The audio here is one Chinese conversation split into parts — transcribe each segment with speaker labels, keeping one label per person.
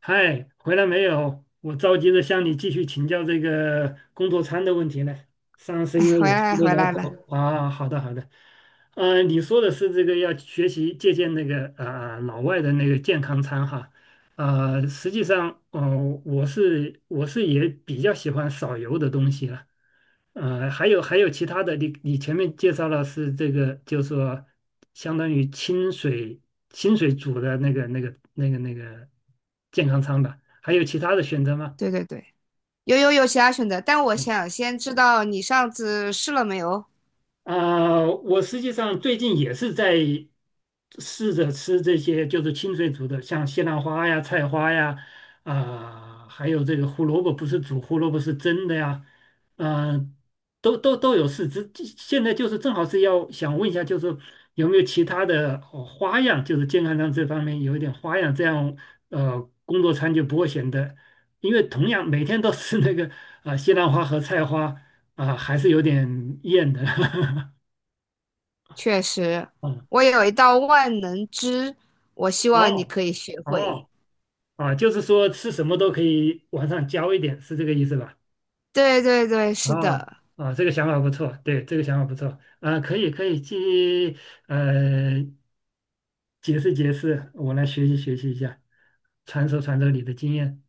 Speaker 1: 嗨，回来没有？我着急着向你继续请教这个工作餐的问题呢。上次
Speaker 2: 哎
Speaker 1: 因为
Speaker 2: 回
Speaker 1: 有事
Speaker 2: 来了
Speaker 1: 没
Speaker 2: 回
Speaker 1: 聊
Speaker 2: 来了。
Speaker 1: 透啊，好的好的。你说的是这个要学习借鉴那个啊、老外的那个健康餐哈，实际上，我是也比较喜欢少油的东西了。还有其他的，你前面介绍了是这个，就是说相当于清水煮的那个健康餐吧？还有其他的选择吗？
Speaker 2: 对对对，有其他选择，但我想先知道你上次试了没有？
Speaker 1: 啊、我实际上最近也是在试着吃这些，就是清水煮的，像西兰花呀、菜花呀，啊、还有这个胡萝卜，不是煮胡萝卜是蒸的呀，嗯、都有试。现在就是正好是要想问一下，就是有没有其他的花样，就是健康上这方面有一点花样，这样工作餐就不会显得，因为同样每天都吃那个啊、西兰花和菜花。啊，还是有点厌的。
Speaker 2: 确实，
Speaker 1: 哦
Speaker 2: 我有一道万能汁，我希望你
Speaker 1: 哦
Speaker 2: 可以学会。
Speaker 1: 哦啊，就是说吃什么都可以往上浇一点，是这个意思吧？
Speaker 2: 对对对，是
Speaker 1: 啊
Speaker 2: 的，
Speaker 1: 啊，这个想法不错，对，这个想法不错啊，可以可以去呃解释解释，我来学习学习一下，传授传授你的经验。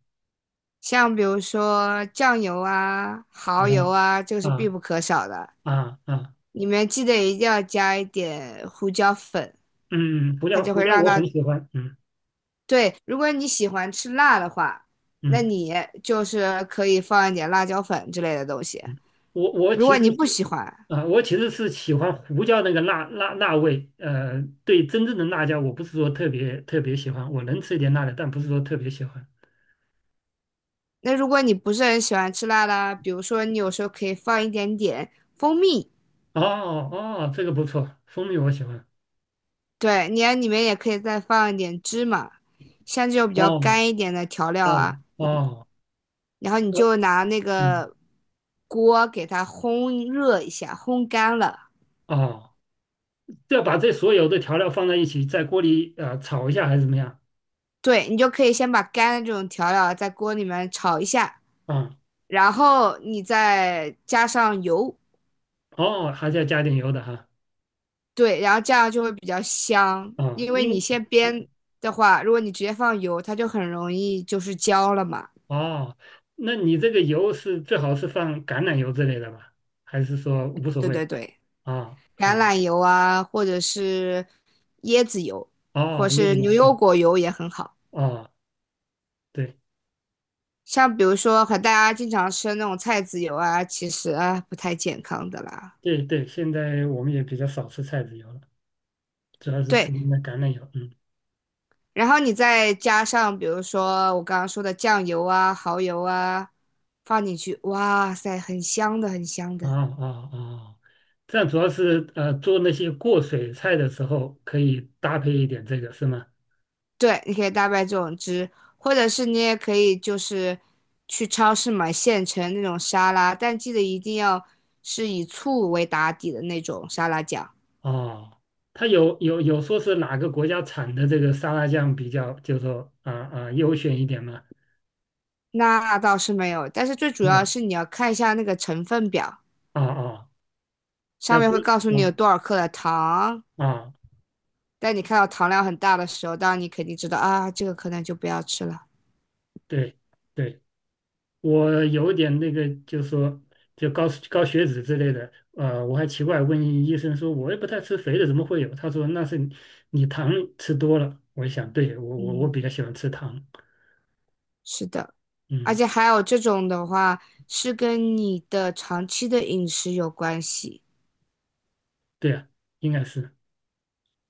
Speaker 2: 像比如说酱油啊、蚝油
Speaker 1: 哦
Speaker 2: 啊，这个是必
Speaker 1: 啊
Speaker 2: 不可少的。
Speaker 1: 啊啊，
Speaker 2: 里面记得一定要加一点胡椒粉，
Speaker 1: 嗯，胡
Speaker 2: 它
Speaker 1: 椒
Speaker 2: 就
Speaker 1: 胡
Speaker 2: 会
Speaker 1: 椒
Speaker 2: 让
Speaker 1: 我很
Speaker 2: 它，
Speaker 1: 喜欢，嗯
Speaker 2: 对，如果你喜欢吃辣的话，那
Speaker 1: 嗯。
Speaker 2: 你就是可以放一点辣椒粉之类的东西。
Speaker 1: 我
Speaker 2: 如
Speaker 1: 其
Speaker 2: 果
Speaker 1: 实
Speaker 2: 你不
Speaker 1: 是
Speaker 2: 喜欢，
Speaker 1: 啊、我其实是喜欢胡椒那个辣味，对真正的辣椒我不是说特别特别喜欢，我能吃一点辣的，但不是说特别喜欢。
Speaker 2: 那如果你不是很喜欢吃辣的，比如说你有时候可以放一点点蜂蜜，
Speaker 1: 哦哦，这个不错，蜂蜜我喜欢。
Speaker 2: 对，你在里面也可以再放一点芝麻，像这种比较
Speaker 1: 哦
Speaker 2: 干一点的调料啊，
Speaker 1: 哦哦，
Speaker 2: 然后你就拿那
Speaker 1: 嗯
Speaker 2: 个锅给它烘热一下，烘干了。
Speaker 1: 哦，要把这所有的调料放在一起，在锅里炒一下还是怎么样？
Speaker 2: 对，你就可以先把干的这种调料啊在锅里面炒一下，
Speaker 1: 啊、
Speaker 2: 然后你再加上油，
Speaker 1: 哦，还是要加点油的哈。
Speaker 2: 对，然后这样就会比较香，
Speaker 1: 啊、
Speaker 2: 因为你先煸的话，如果你直接放油，它就很容易就是焦了嘛。
Speaker 1: 哦，那你这个油是最好是放橄榄油之类的吧？还是说无所
Speaker 2: 对
Speaker 1: 谓？
Speaker 2: 对对，
Speaker 1: 啊
Speaker 2: 橄
Speaker 1: 啊
Speaker 2: 榄油啊，或者是椰子油，
Speaker 1: 哦，
Speaker 2: 或
Speaker 1: 椰
Speaker 2: 是
Speaker 1: 子油
Speaker 2: 牛油
Speaker 1: 对
Speaker 2: 果油也很好。
Speaker 1: 啊对
Speaker 2: 像比如说，和大家经常吃的那种菜籽油啊，其实啊不太健康的啦。
Speaker 1: 对对，现在我们也比较少吃菜籽油了，主要是吃
Speaker 2: 对，
Speaker 1: 那橄榄油。嗯
Speaker 2: 然后你再加上比如说我刚刚说的酱油啊、蚝油啊，放进去，哇塞，很香的，很香
Speaker 1: 啊
Speaker 2: 的。
Speaker 1: 啊啊，这样主要是做那些过水菜的时候可以搭配一点这个是吗？
Speaker 2: 对，你可以大卖这种汁，或者是你也可以就是去超市买现成那种沙拉，但记得一定要是以醋为打底的那种沙拉酱。
Speaker 1: 哦，它有说是哪个国家产的这个沙拉酱比较，就是说啊啊优选一点吗？
Speaker 2: 那倒是没有，但是最主
Speaker 1: 没
Speaker 2: 要
Speaker 1: 有
Speaker 2: 是你要看一下那个成分表，
Speaker 1: 啊啊，
Speaker 2: 上
Speaker 1: 要
Speaker 2: 面
Speaker 1: 注
Speaker 2: 会
Speaker 1: 意
Speaker 2: 告诉你有
Speaker 1: 啊
Speaker 2: 多少克的糖。
Speaker 1: 啊
Speaker 2: 但你看到糖量很大的时候，当然你肯定知道啊，这个可能就不要吃了。
Speaker 1: 对对。我有点那个，就说就高血脂之类的，我还奇怪问医生说，我也不太吃肥的，怎么会有？他说那是你糖吃多了。我一想，对，我比较
Speaker 2: 嗯，
Speaker 1: 喜欢吃糖，
Speaker 2: 是的，而
Speaker 1: 嗯，
Speaker 2: 且还有这种的话是跟你的长期的饮食有关系。
Speaker 1: 对啊，应该是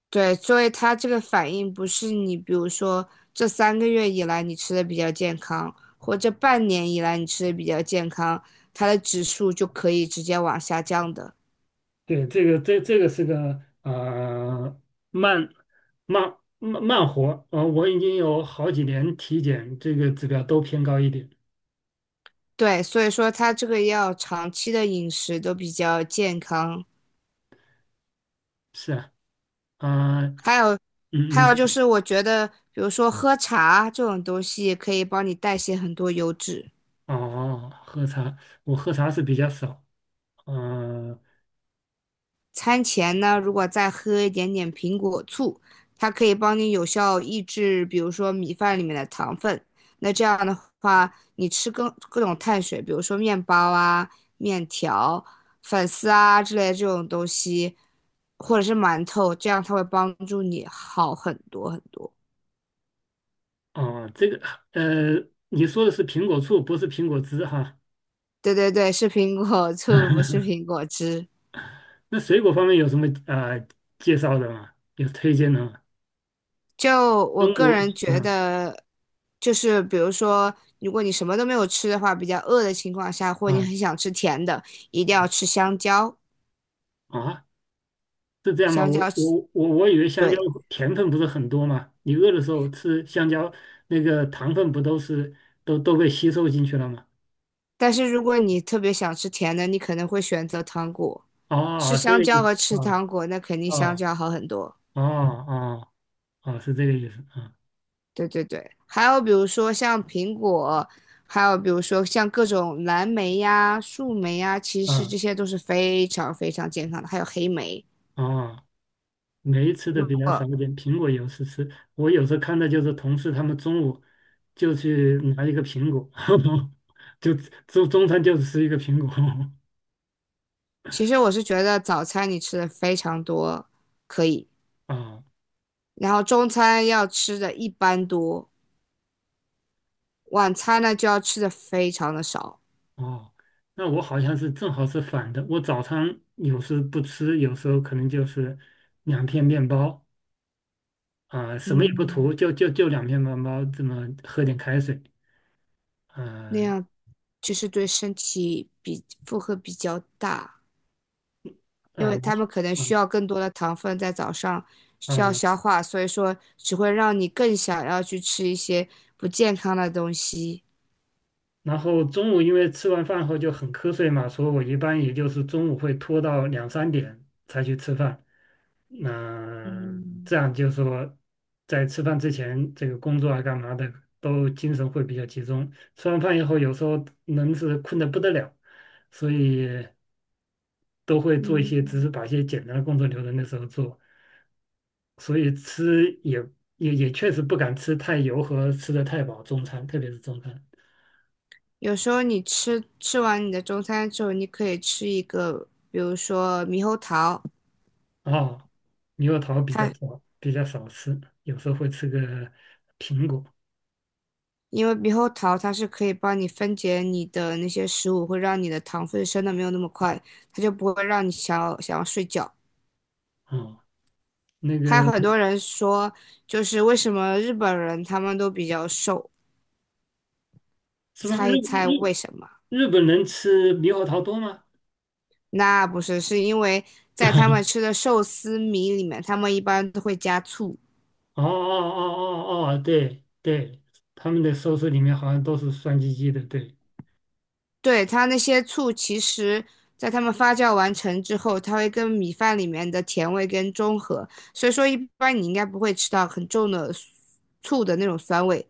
Speaker 2: 对，所以它这个反应不是你，比如说这3个月以来你吃的比较健康，或这半年以来你吃的比较健康，它的指数就可以直接往下降的。
Speaker 1: 对这个这个是个慢慢活，我已经有好几年体检这个指标都偏高一点，
Speaker 2: 对，所以说它这个要长期的饮食都比较健康，
Speaker 1: 是啊，啊、
Speaker 2: 还有
Speaker 1: 嗯，
Speaker 2: 还
Speaker 1: 你
Speaker 2: 有
Speaker 1: 说
Speaker 2: 就是我觉得，比如说喝茶这种东西可以帮你代谢很多油脂。
Speaker 1: 哦，喝茶。我喝茶是比较少，嗯、
Speaker 2: 餐前呢，如果再喝一点点苹果醋，它可以帮你有效抑制，比如说米饭里面的糖分。那这样的话，你吃各种碳水，比如说面包啊、面条、粉丝啊之类的这种东西，或者是馒头，这样它会帮助你好很多很多。
Speaker 1: 哦，这个呃，你说的是苹果醋，不是苹果汁哈。
Speaker 2: 对对对，是苹果醋，不是 苹果汁。
Speaker 1: 那水果方面有什么啊、介绍的吗？有推荐的吗？
Speaker 2: 就我
Speaker 1: 中
Speaker 2: 个
Speaker 1: 国，
Speaker 2: 人觉
Speaker 1: 嗯
Speaker 2: 得，就是比如说，如果你什么都没有吃的话，比较饿的情况下，或者你
Speaker 1: 啊
Speaker 2: 很想吃甜的，一定要吃香蕉。
Speaker 1: 啊，是这样吗？
Speaker 2: 香
Speaker 1: 我
Speaker 2: 蕉是
Speaker 1: 我我我以为香蕉
Speaker 2: 对。
Speaker 1: 甜分不是很多嘛，你饿的时候吃香蕉，那个糖分不都是都被吸收进去了吗？
Speaker 2: 但是如果你特别想吃甜的，你可能会选择糖果。吃
Speaker 1: 哦，这
Speaker 2: 香
Speaker 1: 个
Speaker 2: 蕉
Speaker 1: 意
Speaker 2: 和
Speaker 1: 思，
Speaker 2: 吃
Speaker 1: 啊
Speaker 2: 糖果，那肯定香
Speaker 1: 哦
Speaker 2: 蕉好很多。
Speaker 1: 哦哦哦，是这个意思，啊
Speaker 2: 对对对，还有比如说像苹果，还有比如说像各种蓝莓呀、树莓呀，其实这
Speaker 1: 啊
Speaker 2: 些都是非常非常健康的。还有黑莓，
Speaker 1: 哦。没吃的
Speaker 2: 如
Speaker 1: 比较少
Speaker 2: 果。
Speaker 1: 一点，苹果有时吃。我有时候看到就是同事他们中午就去拿一个苹果，就中餐就吃一个苹果。
Speaker 2: 其实我是觉得早餐你吃的非常多，可以，
Speaker 1: 啊
Speaker 2: 然后中餐要吃的一般多，晚餐呢就要吃的非常的少，
Speaker 1: 哦，那我好像是正好是反的。我早餐有时不吃，有时候可能就是两片面包啊、什么也不
Speaker 2: 嗯，
Speaker 1: 涂，就两片面包，这么喝点开水。
Speaker 2: 那
Speaker 1: 呃
Speaker 2: 样就是对身体比负荷比较大，因
Speaker 1: 呃，
Speaker 2: 为他们可能需
Speaker 1: 啊
Speaker 2: 要更多的糖分在早上需要
Speaker 1: 啊
Speaker 2: 消化，所以说只会让你更想要去吃一些不健康的东西。
Speaker 1: 然后中午因为吃完饭后就很瞌睡嘛，所以我一般也就是中午会拖到两三点才去吃饭。那、
Speaker 2: 嗯
Speaker 1: 这样就是说，在吃饭之前，这个工作啊干嘛的都精神会比较集中。吃完饭以后，有时候能是困得不得了，所以都会做一些，只是
Speaker 2: 嗯。
Speaker 1: 把一些简单的工作留在那时候做。所以吃也确实不敢吃太油和吃的太饱中餐，特别是中餐。
Speaker 2: 有时候你吃完你的中餐之后，你可以吃一个，比如说猕猴桃，
Speaker 1: 哦，猕猴桃比较
Speaker 2: 它
Speaker 1: 少，比较少吃，有时候会吃个苹果。
Speaker 2: 因为猕猴桃它是可以帮你分解你的那些食物，会让你的糖分升的没有那么快，它就不会让你想要睡觉。
Speaker 1: 哦，那
Speaker 2: 还
Speaker 1: 个
Speaker 2: 有很多人说，就是为什么日本人他们都比较瘦？
Speaker 1: 是吧？
Speaker 2: 猜
Speaker 1: 日
Speaker 2: 一猜为
Speaker 1: 日
Speaker 2: 什么？
Speaker 1: 日本人吃猕猴桃多吗？
Speaker 2: 那不是，是因为在他们 吃的寿司米里面，他们一般都会加醋。
Speaker 1: 哦哦哦哦哦，对对，他们的寿司里面好像都是酸唧唧的，对，
Speaker 2: 对，它那些醋，其实在它们发酵完成之后，它会跟米饭里面的甜味跟中和，所以说一般你应该不会吃到很重的醋的那种酸味，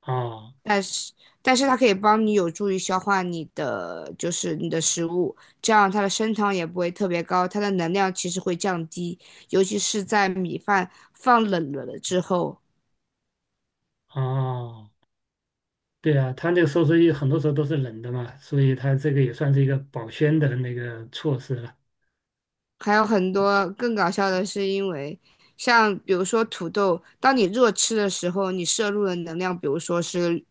Speaker 1: 哦
Speaker 2: 但是但是它可以帮你有助于消化你的就是你的食物，这样它的升糖也不会特别高，它的能量其实会降低，尤其是在米饭放冷了之后。
Speaker 1: 哦，对啊，他那个寿司一很多时候都是冷的嘛，所以他这个也算是一个保鲜的那个措施了
Speaker 2: 还有很多更搞笑的是，因为像比如说土豆，当你热吃的时候，你摄入的能量，比如说是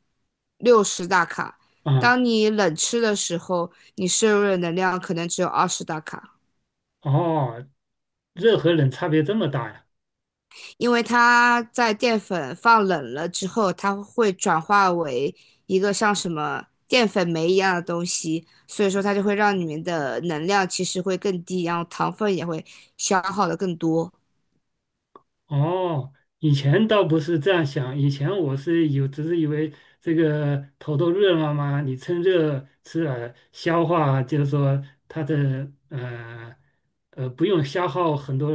Speaker 2: 60大卡；
Speaker 1: 啊。
Speaker 2: 当你冷吃的时候，你摄入的能量可能只有20大卡，
Speaker 1: 哦，热和冷差别这么大呀？
Speaker 2: 因为它在淀粉放冷了之后，它会转化为一个像什么淀粉酶一样的东西，所以说它就会让里面的能量其实会更低，然后糖分也会消耗的更多。
Speaker 1: 哦，以前倒不是这样想，以前我是有，只是以为这个头都热了嘛，你趁热吃了消化就是说它的不用消耗很多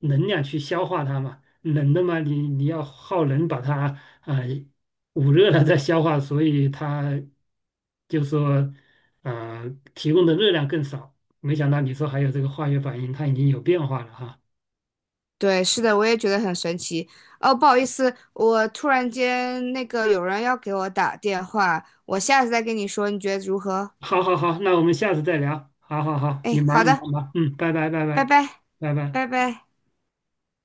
Speaker 1: 能量去消化它嘛，冷的嘛你要耗能把它啊、捂热了再消化，所以它就说呃提供的热量更少。没想到你说还有这个化学反应，它已经有变化了哈。
Speaker 2: 对，是的，我也觉得很神奇。哦，不好意思，我突然间那个有人要给我打电话，我下次再跟你说，你觉得如何？
Speaker 1: 好好好，那我们下次再聊。好好好，你
Speaker 2: 哎，好
Speaker 1: 忙
Speaker 2: 的，
Speaker 1: 忙忙，嗯，拜拜拜
Speaker 2: 拜
Speaker 1: 拜
Speaker 2: 拜，
Speaker 1: 拜拜。
Speaker 2: 拜拜。